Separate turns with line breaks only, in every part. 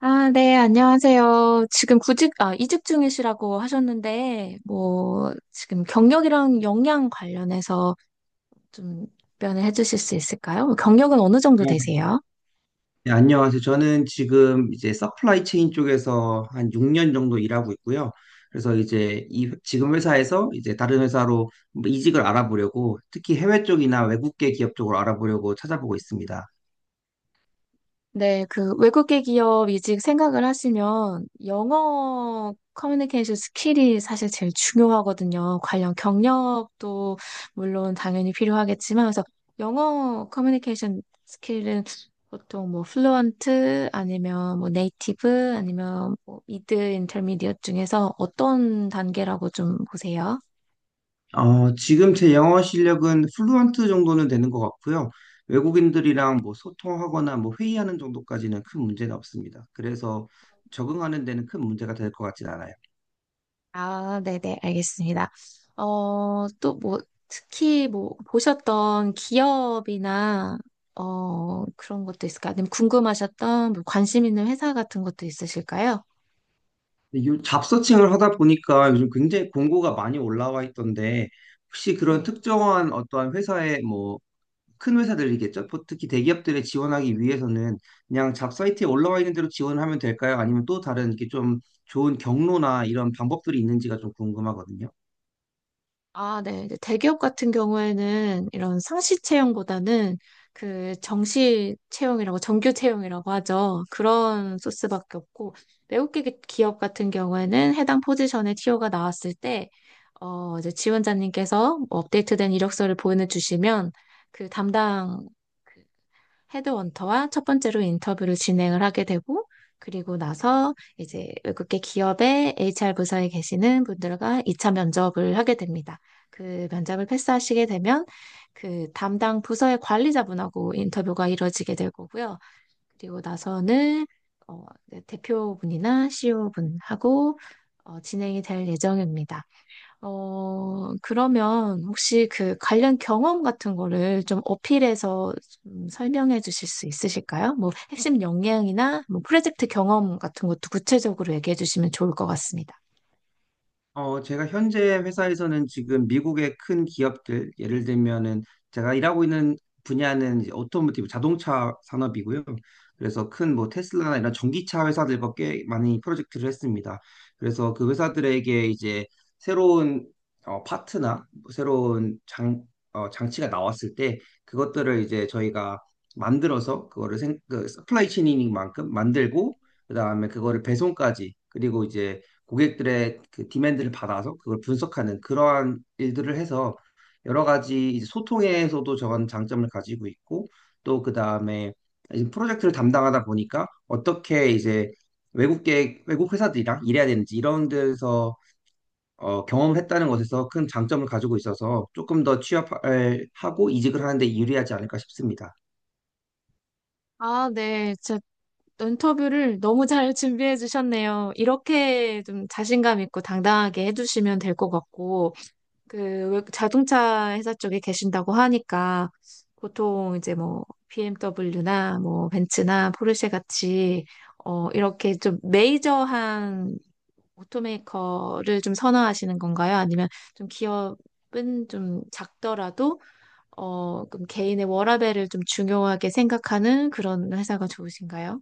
아, 네, 안녕하세요. 지금 구직, 이직 중이시라고 하셨는데, 뭐, 지금 경력이랑 역량 관련해서 좀 답변을 해주실 수 있을까요? 경력은 어느 정도
네,
되세요?
네, 안녕하세요. 저는 지금 이제 서플라이 체인 쪽에서 한 6년 정도 일하고 있고요. 그래서 지금 회사에서 이제 다른 회사로 뭐 이직을 알아보려고 특히 해외 쪽이나 외국계 기업 쪽으로 알아보려고 찾아보고 있습니다.
네, 그 외국계 기업 이직 생각을 하시면 영어 커뮤니케이션 스킬이 사실 제일 중요하거든요. 관련 경력도 물론 당연히 필요하겠지만, 그래서 영어 커뮤니케이션 스킬은 보통 뭐 플루언트 아니면 뭐 네이티브 아니면 뭐 미드 인터미디엇 중에서 어떤 단계라고 좀 보세요?
지금 제 영어 실력은 플루언트 정도는 되는 것 같고요. 외국인들이랑 뭐 소통하거나 뭐 회의하는 정도까지는 큰 문제는 없습니다. 그래서 적응하는 데는 큰 문제가 될 것 같진 않아요.
아, 네네, 알겠습니다. 또 뭐, 특히 뭐, 보셨던 기업이나, 그런 것도 있을까요? 아니면 궁금하셨던 뭐 관심 있는 회사 같은 것도 있으실까요?
잡서칭을 하다 보니까 요즘 굉장히 공고가 많이 올라와 있던데 혹시 그런 특정한 어떠한 회사의 뭐 큰 회사들이겠죠? 특히 대기업들에 지원하기 위해서는 그냥 잡 사이트에 올라와 있는 대로 지원하면 될까요? 아니면 또 다른 이렇게 좀 좋은 경로나 이런 방법들이 있는지가 좀 궁금하거든요.
아, 네. 이제 대기업 같은 경우에는 이런 상시 채용보다는 그 정시 채용이라고 정규 채용이라고 하죠. 그런 소스밖에 없고 외국 기업 같은 경우에는 해당 포지션의 티오가 나왔을 때 이제 지원자님께서 뭐 업데이트된 이력서를 보내주시면 그 담당 그 헤드원터와 첫 번째로 인터뷰를 진행을 하게 되고, 그리고 나서 이제 외국계 기업의 HR 부서에 계시는 분들과 2차 면접을 하게 됩니다. 그 면접을 패스하시게 되면 그 담당 부서의 관리자분하고 인터뷰가 이루어지게 될 거고요. 그리고 나서는 네, 대표분이나 CEO분하고 진행이 될 예정입니다. 그러면 혹시 그 관련 경험 같은 거를 좀 어필해서 좀 설명해 주실 수 있으실까요? 뭐 핵심 역량이나 뭐 프로젝트 경험 같은 것도 구체적으로 얘기해 주시면 좋을 것 같습니다.
제가 현재 회사에서는 지금 미국의 큰 기업들, 예를 들면은 제가 일하고 있는 분야는 이제 오토모티브 자동차 산업이고요. 그래서 큰 뭐 테슬라나 이런 전기차 회사들과 꽤 많이 프로젝트를 했습니다. 그래서 그 회사들에게 이제 새로운 파트나 새로운 장, 장치가 나왔을 때 그것들을 이제 저희가 만들어서 그 서플라이 체인인 만큼 만들고 그다음에 그거를 배송까지 그리고 이제 고객들의 그 디맨드를 받아서 그걸 분석하는 그러한 일들을 해서 여러 가지 이제 소통에서도 저런 장점을 가지고 있고 또 그 다음에 이제 프로젝트를 담당하다 보니까 어떻게 이제 외국 회사들이랑 일해야 되는지 이런 데서 경험을 했다는 것에서 큰 장점을 가지고 있어서 조금 더 취업을 하고 이직을 하는데 유리하지 않을까 싶습니다.
아, 네. 제 인터뷰를 너무 잘 준비해 주셨네요. 이렇게 좀 자신감 있고 당당하게 해 주시면 될 것 같고. 그 자동차 회사 쪽에 계신다고 하니까 보통 이제 뭐 BMW나 뭐 벤츠나 포르쉐 같이 이렇게 좀 메이저한 오토메이커를 좀 선호하시는 건가요? 아니면 좀 기업은 좀 작더라도 그럼 개인의 워라밸을 좀 중요하게 생각하는 그런 회사가 좋으신가요?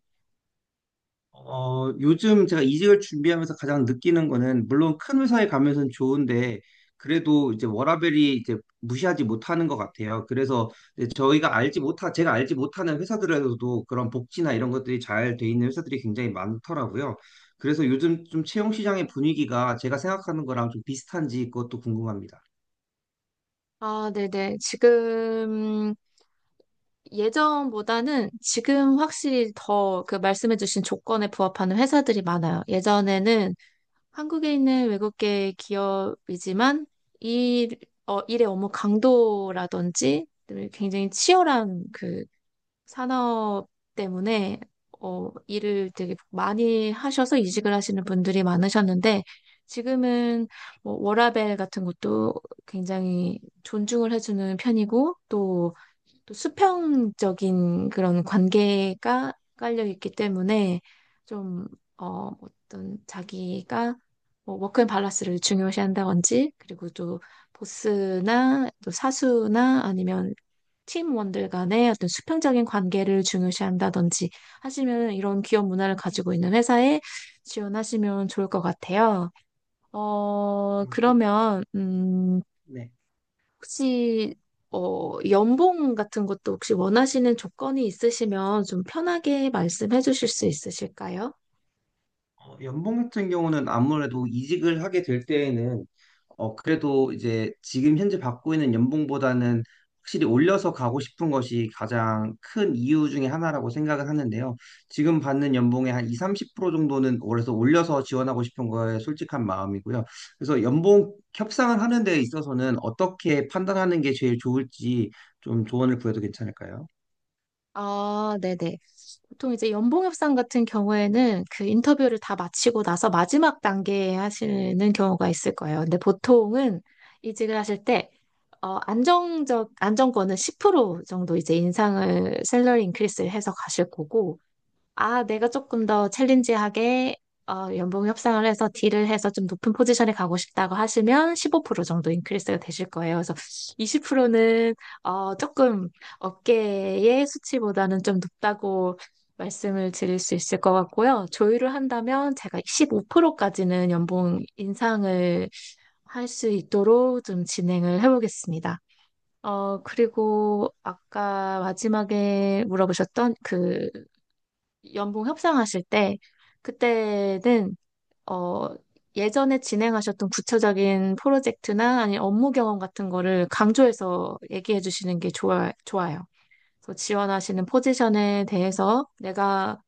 요즘 제가 이직을 준비하면서 가장 느끼는 거는, 물론 큰 회사에 가면서는 좋은데, 그래도 이제 워라밸이 이제 무시하지 못하는 것 같아요. 그래서 제가 알지 못하는 회사들에서도 그런 복지나 이런 것들이 잘 돼 있는 회사들이 굉장히 많더라고요. 그래서 요즘 좀 채용 시장의 분위기가 제가 생각하는 거랑 좀 비슷한지 그것도 궁금합니다.
아, 네네. 지금 예전보다는 지금 확실히 더 그 말씀해주신 조건에 부합하는 회사들이 많아요. 예전에는 한국에 있는 외국계 기업이지만 일, 일의 업무 강도라든지 굉장히 치열한 그 산업 때문에 일을 되게 많이 하셔서 이직을 하시는 분들이 많으셨는데 지금은 뭐 워라밸 같은 것도 굉장히 존중을 해주는 편이고 또 수평적인 그런 관계가 깔려 있기 때문에 좀, 어떤 자기가 뭐 워크앤 밸런스를 중요시한다든지 그리고 또 보스나 또 사수나 아니면 팀원들 간의 어떤 수평적인 관계를 중요시한다든지 하시면 이런 기업 문화를 가지고 있는 회사에 지원하시면 좋을 것 같아요.
음,
그러면,
네.
혹시 연봉 같은 것도 혹시 원하시는 조건이 있으시면 좀 편하게 말씀해 주실 수 있으실까요?
연봉 같은 경우는 아무래도 이직을 하게 될 때에는 그래도 이제 지금 현재 받고 있는 연봉보다는 확실히 올려서 가고 싶은 것이 가장 큰 이유 중에 하나라고 생각을 하는데요. 지금 받는 연봉의 한 2, 30% 정도는 올해서 올려서 지원하고 싶은 거에 솔직한 마음이고요. 그래서 연봉 협상을 하는 데 있어서는 어떻게 판단하는 게 제일 좋을지 좀 조언을 구해도 괜찮을까요?
아, 네네. 보통 이제 연봉 협상 같은 경우에는 그 인터뷰를 다 마치고 나서 마지막 단계에 하시는 경우가 있을 거예요. 근데 보통은 이직을 하실 때 어, 안정적 안정권은 10% 정도 이제 인상을 셀러리 인크리스를 해서 가실 거고 아, 내가 조금 더 챌린지하게 연봉 협상을 해서 딜을 해서 좀 높은 포지션에 가고 싶다고 하시면 15% 정도 인크리스가 되실 거예요. 그래서 20%는 조금 업계의 수치보다는 좀 높다고 말씀을 드릴 수 있을 것 같고요. 조율을 한다면 제가 15%까지는 연봉 인상을 할 수 있도록 좀 진행을 해보겠습니다. 그리고 아까 마지막에 물어보셨던 그 연봉 협상하실 때 그때는 어 예전에 진행하셨던 구체적인 프로젝트나 아니 업무 경험 같은 거를 강조해서 얘기해 주시는 게 좋아요. 그래서 지원하시는 포지션에 대해서 내가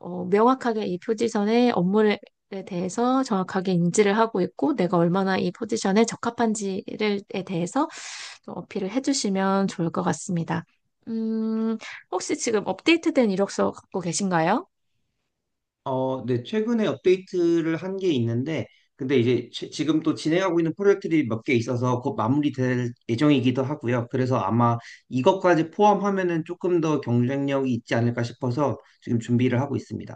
명확하게 이 포지션의 업무에 대해서 정확하게 인지를 하고 있고 내가 얼마나 이 포지션에 적합한지를 에 대해서 좀 어필을 해주시면 좋을 것 같습니다. 음, 혹시 지금 업데이트된 이력서 갖고 계신가요?
네, 최근에 업데이트를 한 게 있는데, 지금 또 진행하고 있는 프로젝트들이 몇 개 있어서 곧 마무리될 예정이기도 하고요. 그래서 아마 이것까지 포함하면은 조금 더 경쟁력이 있지 않을까 싶어서 지금 준비를 하고 있습니다.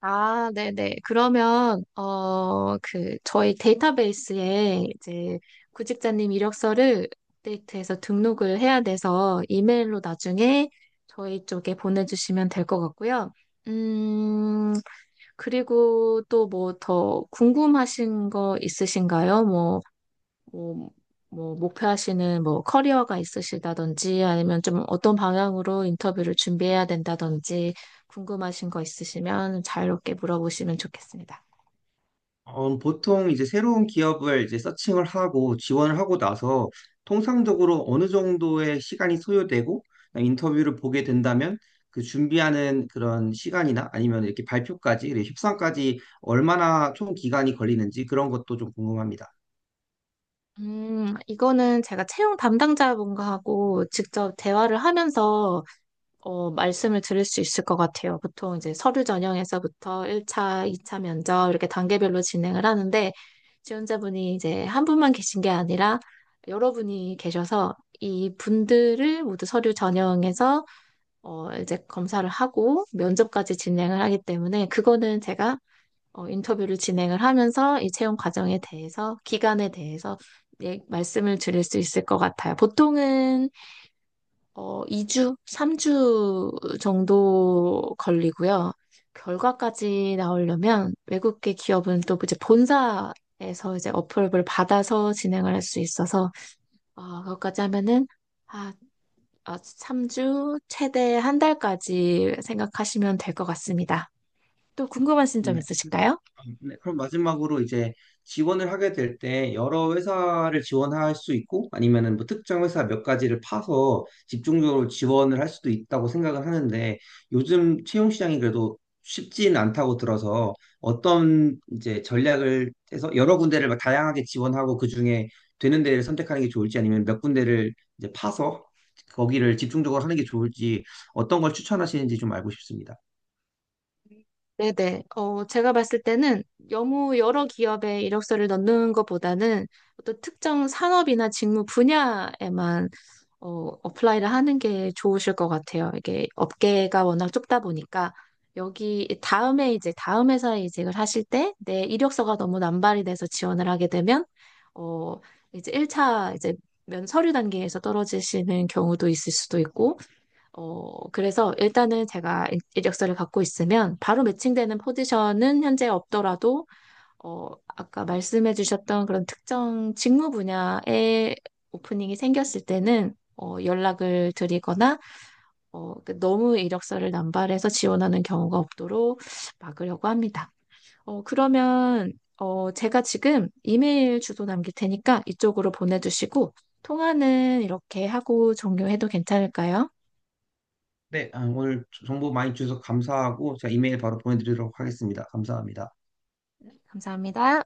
아, 네네. 그러면, 저희 데이터베이스에 이제 구직자님 이력서를 업데이트해서 등록을 해야 돼서 이메일로 나중에 저희 쪽에 보내주시면 될 것 같고요. 음, 그리고 또 뭐 더 궁금하신 거 있으신가요? 뭐, 뭐 목표하시는 뭐 커리어가 있으시다든지 아니면 좀 어떤 방향으로 인터뷰를 준비해야 된다든지 궁금하신 거 있으시면 자유롭게 물어보시면 좋겠습니다.
보통 이제 새로운 기업을 이제 서칭을 하고 지원을 하고 나서 통상적으로 어느 정도의 시간이 소요되고 인터뷰를 보게 된다면 그 준비하는 그런 시간이나 아니면 이렇게 발표까지, 그리고 협상까지 얼마나 총 기간이 걸리는지 그런 것도 좀 궁금합니다.
이거는 제가 채용 담당자분과 하고 직접 대화를 하면서 말씀을 드릴 수 있을 것 같아요. 보통 이제 서류 전형에서부터 1차, 2차 면접 이렇게 단계별로 진행을 하는데 지원자분이 이제 한 분만 계신 게 아니라 여러 분이 계셔서 이 분들을 모두 서류 전형에서 이제 검사를 하고 면접까지 진행을 하기 때문에 그거는 제가 인터뷰를 진행을 하면서 이 채용 과정에 대해서 기간에 대해서 예, 말씀을 드릴 수 있을 것 같아요. 보통은 2주, 3주 정도 걸리고요. 결과까지 나오려면 외국계 기업은 또 이제 본사에서 이제 어플을 받아서 진행을 할 수 있어서 그것까지 하면은 아, 3주 최대 한 달까지 생각하시면 될 것 같습니다. 또 궁금하신 점
네.
있으실까요?
네, 그럼 마지막으로 이제 지원을 하게 될 때 여러 회사를 지원할 수 있고 아니면은 뭐 특정 회사 몇 가지를 파서 집중적으로 지원을 할 수도 있다고 생각을 하는데 요즘 채용 시장이 그래도 쉽지는 않다고 들어서 어떤 이제 전략을 해서 여러 군데를 막 다양하게 지원하고 그중에 되는 데를 선택하는 게 좋을지 아니면 몇 군데를 이제 파서 거기를 집중적으로 하는 게 좋을지 어떤 걸 추천하시는지 좀 알고 싶습니다.
네네. 제가 봤을 때는 너무 여러 기업에 이력서를 넣는 것보다는 어떤 특정 산업이나 직무 분야에만 어, 어플라이를 하는 게 좋으실 것 같아요. 이게 업계가 워낙 좁다 보니까 여기 다음에 이제 다음 회사에 이직을 하실 때 내 이력서가 너무 남발이 돼서 지원을 하게 되면 어, 이제 1차 이제 면 서류 단계에서 떨어지시는 경우도 있을 수도 있고 그래서 일단은 제가 이력서를 갖고 있으면 바로 매칭되는 포지션은 현재 없더라도, 아까 말씀해 주셨던 그런 특정 직무 분야에 오프닝이 생겼을 때는, 연락을 드리거나, 그 너무 이력서를 남발해서 지원하는 경우가 없도록 막으려고 합니다. 그러면, 제가 지금 이메일 주소 남길 테니까 이쪽으로 보내주시고, 통화는 이렇게 하고 종료해도 괜찮을까요?
네, 아, 오늘 정보 많이 주셔서 감사하고 제가 이메일 바로 보내드리도록 하겠습니다. 감사합니다.
감사합니다.